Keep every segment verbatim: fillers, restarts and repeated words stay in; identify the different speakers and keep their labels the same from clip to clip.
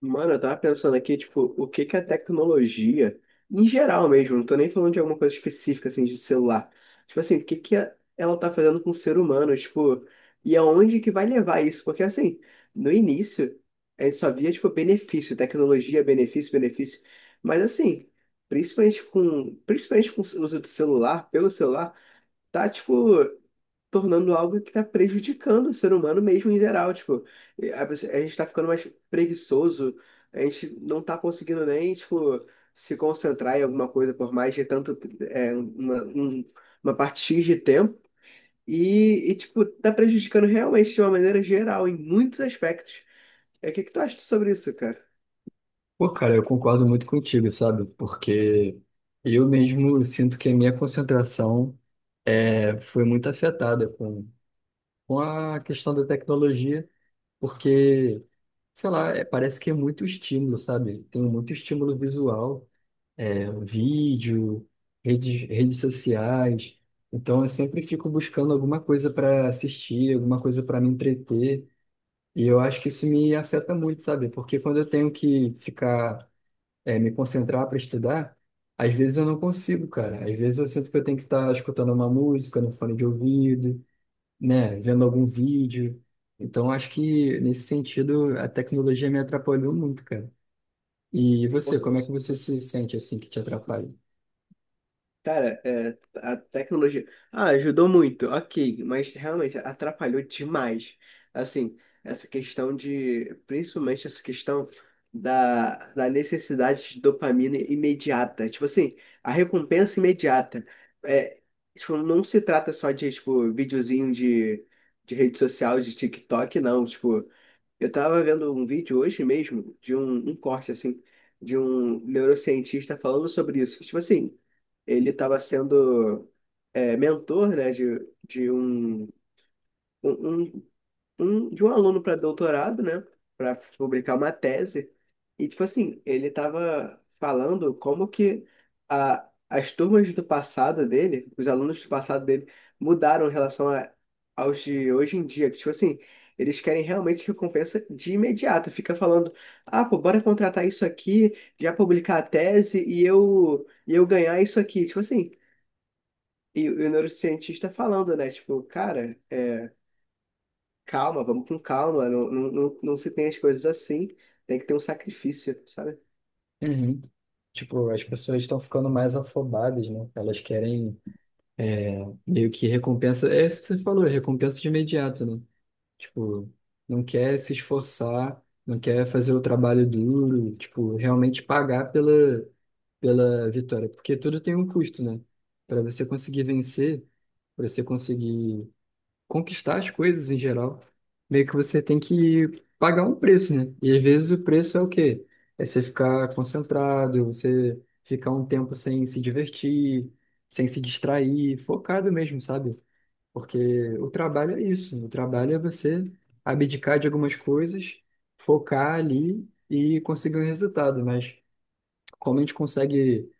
Speaker 1: Mano, eu tava pensando aqui, tipo, o que que a tecnologia, em geral mesmo, não tô nem falando de alguma coisa específica, assim, de celular. Tipo assim, o que que a- ela tá fazendo com o ser humano, tipo, e aonde que vai levar isso? Porque, assim, no início, a gente só via, tipo, benefício, tecnologia, benefício, benefício. Mas, assim, principalmente com, principalmente com o uso do celular, pelo celular, tá, tipo tornando algo que está prejudicando o ser humano mesmo em geral. Tipo, a, pessoa- a gente está ficando mais preguiçoso, a gente não está conseguindo nem, tipo, se concentrar em alguma coisa por mais de tanto, é, uma, um- uma parte X de tempo. E, e, tipo, tá prejudicando realmente de uma maneira geral, em muitos aspectos. É, o que que tu acha sobre isso, cara?
Speaker 2: Pô, cara, eu concordo muito contigo, sabe? Porque eu mesmo sinto que a minha concentração é, foi muito afetada com, com a questão da tecnologia, porque, sei lá, é, parece que é muito estímulo, sabe? Tem muito estímulo visual, é, vídeo, redes, redes sociais. Então, eu sempre fico buscando alguma coisa para assistir, alguma coisa para me entreter. E eu acho que isso me afeta muito, sabe? Porque quando eu tenho que ficar é, me concentrar para estudar, às vezes eu não consigo, cara. Às vezes eu sinto que eu tenho que estar escutando uma música no fone de ouvido, né, vendo algum vídeo. Então, acho que nesse sentido a tecnologia me atrapalhou muito, cara. E
Speaker 1: Ou
Speaker 2: você, como é que
Speaker 1: seja,
Speaker 2: você se sente assim que te atrapalha?
Speaker 1: Cara, é, a tecnologia. Ah, ajudou muito, ok, mas realmente atrapalhou demais. Assim, essa questão de. Principalmente essa questão da, da necessidade de dopamina imediata. Tipo assim, a recompensa imediata. É, tipo, não se trata só de, tipo, videozinho de, de rede social, de TikTok, não. Tipo, eu tava vendo um vídeo hoje mesmo de um, um corte, assim, de um neurocientista falando sobre isso. Tipo assim, ele tava sendo é, mentor, né, de, de um, um, um um, de um aluno para doutorado, né? Para publicar uma tese. E, tipo assim, ele estava falando como que a, as turmas do passado dele, os alunos do passado dele, mudaram em relação a, aos de hoje em dia. Que, tipo assim, eles querem realmente recompensa de imediato. Fica falando, ah, pô, bora contratar isso aqui, já publicar a tese e eu, e eu ganhar isso aqui. Tipo assim. E o e o neurocientista falando, né? Tipo, cara, é, calma, vamos com calma. Não, não, não, não se tem as coisas assim. Tem que ter um sacrifício, sabe?
Speaker 2: Uhum. Tipo, as pessoas estão ficando mais afobadas, né? Elas querem meio que recompensa. É isso que você falou, recompensa de imediato, né? Tipo, não quer se esforçar, não quer fazer o trabalho duro, tipo, realmente pagar pela, pela vitória. Porque tudo tem um custo, né? Para você conseguir vencer, para você conseguir conquistar as coisas em geral, meio que você tem que pagar um preço, né? E às vezes o preço é o quê? É você ficar concentrado, você ficar um tempo sem se divertir, sem se distrair, focado mesmo, sabe? Porque o trabalho é isso. O trabalho é você abdicar de algumas coisas, focar ali e conseguir um resultado. Mas como a gente consegue,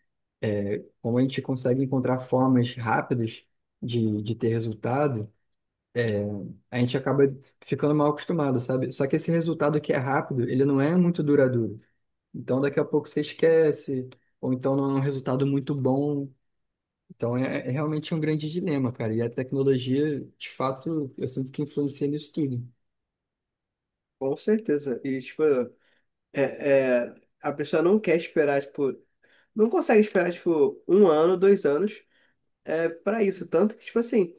Speaker 2: é, como a gente consegue encontrar formas rápidas de, de ter resultado, a gente acaba ficando mal acostumado, sabe? Só que esse resultado que é rápido, ele não é muito duradouro. Então daqui a pouco você esquece, ou então não é um resultado muito bom. Então é, é realmente um grande dilema, cara. E a tecnologia, de fato, eu sinto que influencia nisso tudo.
Speaker 1: Com certeza. E, tipo, é, é, a pessoa não quer esperar, tipo, não consegue esperar, tipo, um ano, dois anos é, para isso. Tanto que, tipo assim.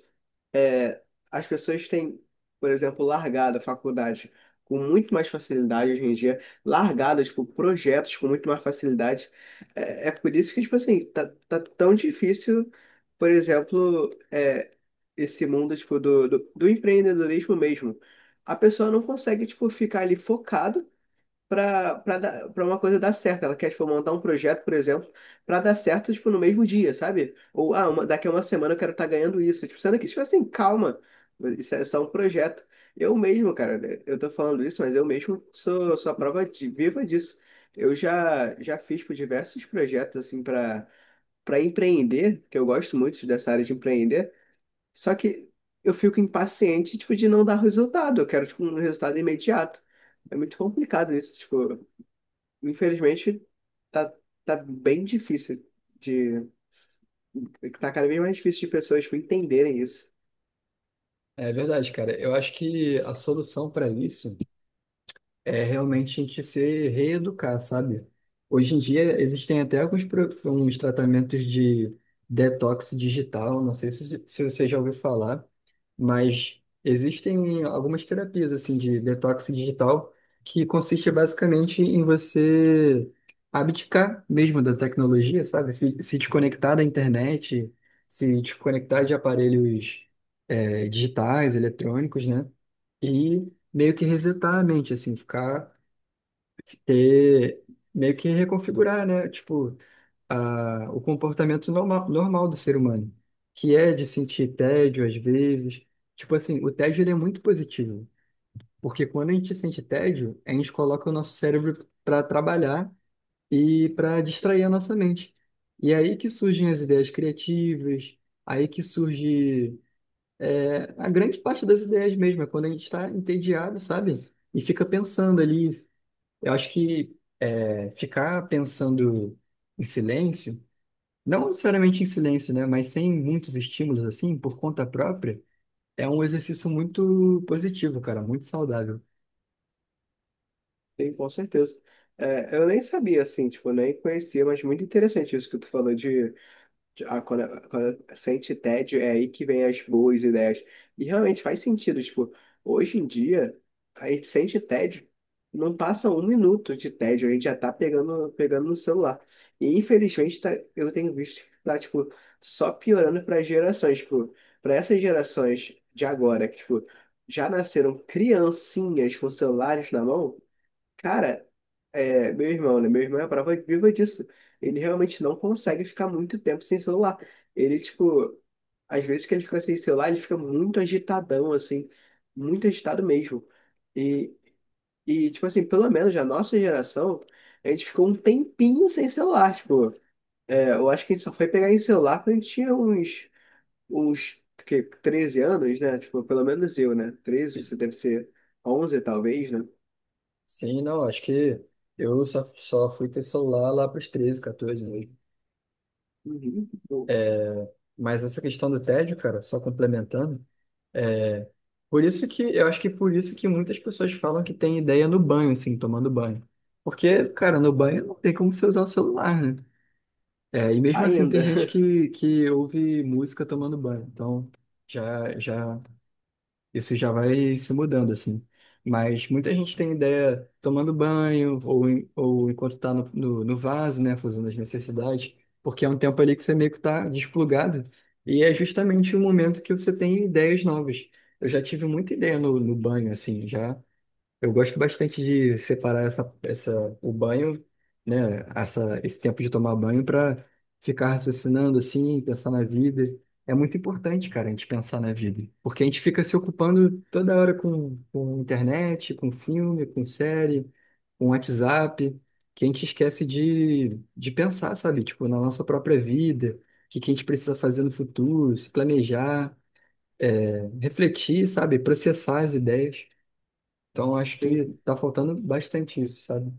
Speaker 1: é, as pessoas têm, por exemplo, largado a faculdade com muito mais facilidade hoje em dia, largado, tipo, projetos com muito mais facilidade. É, é por isso que, tipo assim, tá, tá tão difícil, por exemplo, é, esse mundo, tipo, do, do, do empreendedorismo mesmo. A pessoa não consegue, tipo, ficar ali focado para para uma coisa dar certo. Ela quer, tipo, montar um projeto, por exemplo, para dar certo, tipo, no mesmo dia, sabe? Ou, ah, uma, daqui a uma semana eu quero estar ganhando isso. Tipo, sendo que, tipo assim, calma, isso é só um projeto. Eu mesmo, cara, né, eu tô falando isso, mas eu mesmo sou, sou a prova de- viva disso. Eu já, já fiz, tipo, diversos projetos, assim, para para empreender, que eu gosto muito dessa área de empreender, só que eu fico impaciente, tipo, de não dar resultado. Eu quero, tipo, um resultado imediato. É muito complicado isso, tipo, infelizmente, tá, tá bem difícil de. Tá cada vez mais difícil de pessoas, tipo, entenderem isso.
Speaker 2: É verdade, cara. Eu acho que a solução para isso é realmente a gente se reeducar, sabe? Hoje em dia existem até alguns pro- uns tratamentos de detox digital, não sei se, se você já ouviu falar, mas existem algumas terapias assim de detox digital que consiste basicamente em você abdicar mesmo da tecnologia, sabe? Se, se desconectar da internet, se desconectar de aparelhos eh, digitais, eletrônicos, né? E meio que resetar a mente, assim, ficar, ter, meio que reconfigurar, né? Tipo, a, o comportamento normal, normal do ser humano, que é de sentir tédio às vezes. Tipo assim, o tédio ele é muito positivo, porque quando a gente sente tédio, a gente coloca o nosso cérebro para trabalhar e para distrair a nossa mente. E é aí que surgem as ideias criativas, aí que surge a grande parte das ideias mesmo é quando a gente está entediado, sabe? E fica pensando ali. Eu acho que é, ficar pensando em silêncio, não necessariamente em silêncio, né? Mas sem muitos estímulos assim, por conta própria, é um exercício muito positivo, cara, muito saudável.
Speaker 1: Sim, com certeza. É, eu nem sabia, assim, tipo, nem conhecia, mas muito interessante isso que tu falou de. Ah, quando, quando sente tédio, é aí que vem as boas ideias. E realmente faz sentido, tipo, hoje em dia, a gente sente tédio, não passa um minuto de tédio, a gente já tá pegando, pegando no celular. E infelizmente, tá, eu tenho visto que tá, tipo, só piorando para gerações, tipo, para essas gerações de agora, que, tipo, já nasceram criancinhas com celulares na mão. Cara, é, meu irmão, né? Meu irmão é a prova viva disso. Ele realmente não consegue ficar muito tempo sem celular. Ele, tipo, às vezes que ele fica sem celular, ele fica muito agitadão, assim, muito agitado mesmo. E, e tipo assim, pelo menos a nossa geração, a gente ficou um tempinho sem celular, tipo, é, eu acho que a gente só foi pegar em celular quando a gente tinha uns, uns que, treze anos, né? Tipo, pelo menos eu, né? treze, você deve ser onze talvez, né?
Speaker 2: Sim, não, acho que eu só, só fui ter celular lá para os treze, catorze mesmo.
Speaker 1: Uhum.
Speaker 2: Mas essa questão do tédio, cara, só complementando. É, por isso que eu acho que por isso que muitas pessoas falam que tem ideia no banho, assim, tomando banho. Porque, cara, no banho não tem como você usar o celular, né? É, e mesmo assim tem
Speaker 1: Ainda.
Speaker 2: gente que, que ouve música tomando banho. Então, já já isso já vai se mudando, assim. Mas muita gente tem ideia tomando banho ou, em- ou enquanto está no, no, no vaso, né, fazendo as necessidades, porque é um tempo ali que você meio que está desplugado e é justamente o momento que você tem ideias novas. Eu já tive muita ideia no, no banho, assim, já. Eu gosto bastante de separar essa, essa, o banho, né? Essa, esse tempo de tomar banho para ficar raciocinando assim, pensar na vida. É muito importante, cara, a gente pensar na vida. Porque a gente fica se ocupando toda hora com, com internet, com filme, com série, com WhatsApp, que a gente esquece de, de pensar, sabe? Tipo, na nossa própria vida, o que, que a gente precisa fazer no futuro, se planejar, é, refletir, sabe? Processar as ideias. Então, acho que
Speaker 1: Sim,
Speaker 2: tá faltando bastante isso, sabe?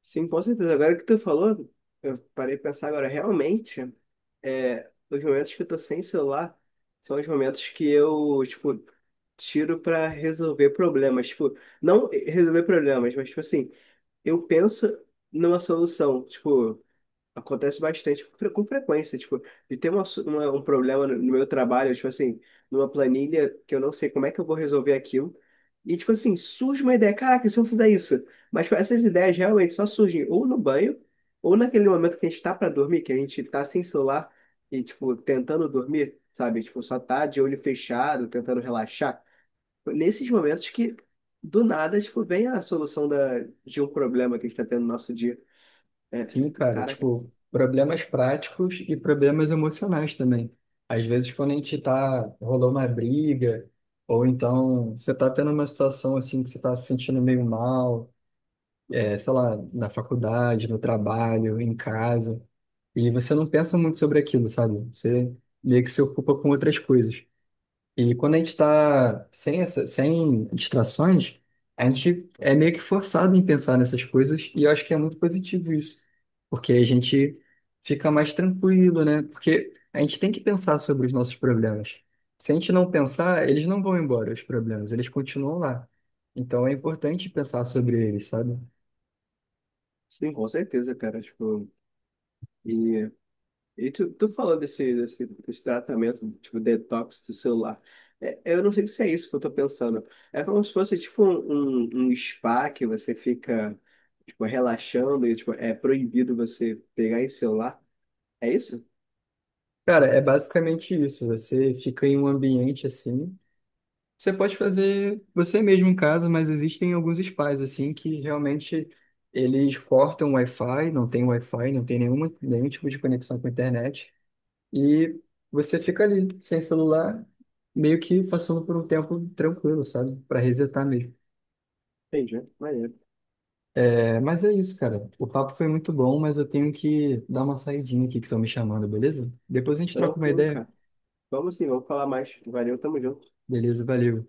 Speaker 1: sim, com certeza. Agora que tu falou, eu parei de pensar agora, realmente, é, os momentos que eu tô sem celular são os momentos que eu, tipo, tiro pra resolver problemas. Tipo, não resolver problemas, mas, tipo assim, eu penso numa solução. Tipo, acontece bastante, com fre- com frequência, tipo, de ter uma, su- uma- um problema no no meu trabalho, tipo assim, numa planilha que eu não sei como é que eu vou resolver aquilo. E, tipo assim, surge uma ideia, caraca, e se eu fizer isso? Mas tipo, essas ideias realmente só surgem ou no banho, ou naquele momento que a gente tá pra dormir, que a gente tá sem celular e, tipo, tentando dormir, sabe? Tipo, só tá de olho fechado, tentando relaxar. Nesses momentos que, do nada, tipo, vem a solução da, de um problema que a gente tá tendo no nosso dia. É,
Speaker 2: Sim, cara,
Speaker 1: cara.
Speaker 2: tipo, problemas práticos e problemas emocionais também. Às vezes, quando a gente tá, rolou uma briga, ou então você tá tendo uma situação assim que você tá se sentindo meio mal, é, sei lá, na faculdade, no trabalho, em casa, e você não pensa muito sobre aquilo, sabe? Você meio que se ocupa com outras coisas. E quando a gente está sem, essa- sem distrações, a gente é meio que forçado em pensar nessas coisas, e eu acho que é muito positivo isso, porque a gente fica mais tranquilo, né? Porque a gente tem que pensar sobre os nossos problemas. Se a gente não pensar, eles não vão embora, os problemas, eles continuam lá. Então é importante pensar sobre eles, sabe?
Speaker 1: Sim, com certeza, cara. Tipo, e, e tu, tu falou desse, desse, desse tratamento, tipo, detox do celular. É, eu não sei se é isso que eu tô pensando. É como se fosse, tipo, um, um um spa que você fica, tipo, relaxando e, tipo, é proibido você pegar em celular. É isso?
Speaker 2: Cara, é basicamente isso. Você fica em um ambiente assim. Você pode fazer você mesmo em casa, mas existem alguns spas assim que realmente eles cortam o Wi-Fi, não tem Wi-Fi, não tem nenhuma, nenhum tipo de conexão com a internet e você fica ali sem celular, meio que passando por um tempo tranquilo, sabe? Para resetar mesmo.
Speaker 1: Entendi. Maneiro.
Speaker 2: É, mas é isso, cara. O papo foi muito bom, mas eu tenho que dar uma saidinha aqui que estão me chamando, beleza? Depois a gente troca uma
Speaker 1: Tranquilo,
Speaker 2: ideia.
Speaker 1: cara. Vamos sim, vamos falar mais. Valeu, tamo junto.
Speaker 2: Beleza, valeu.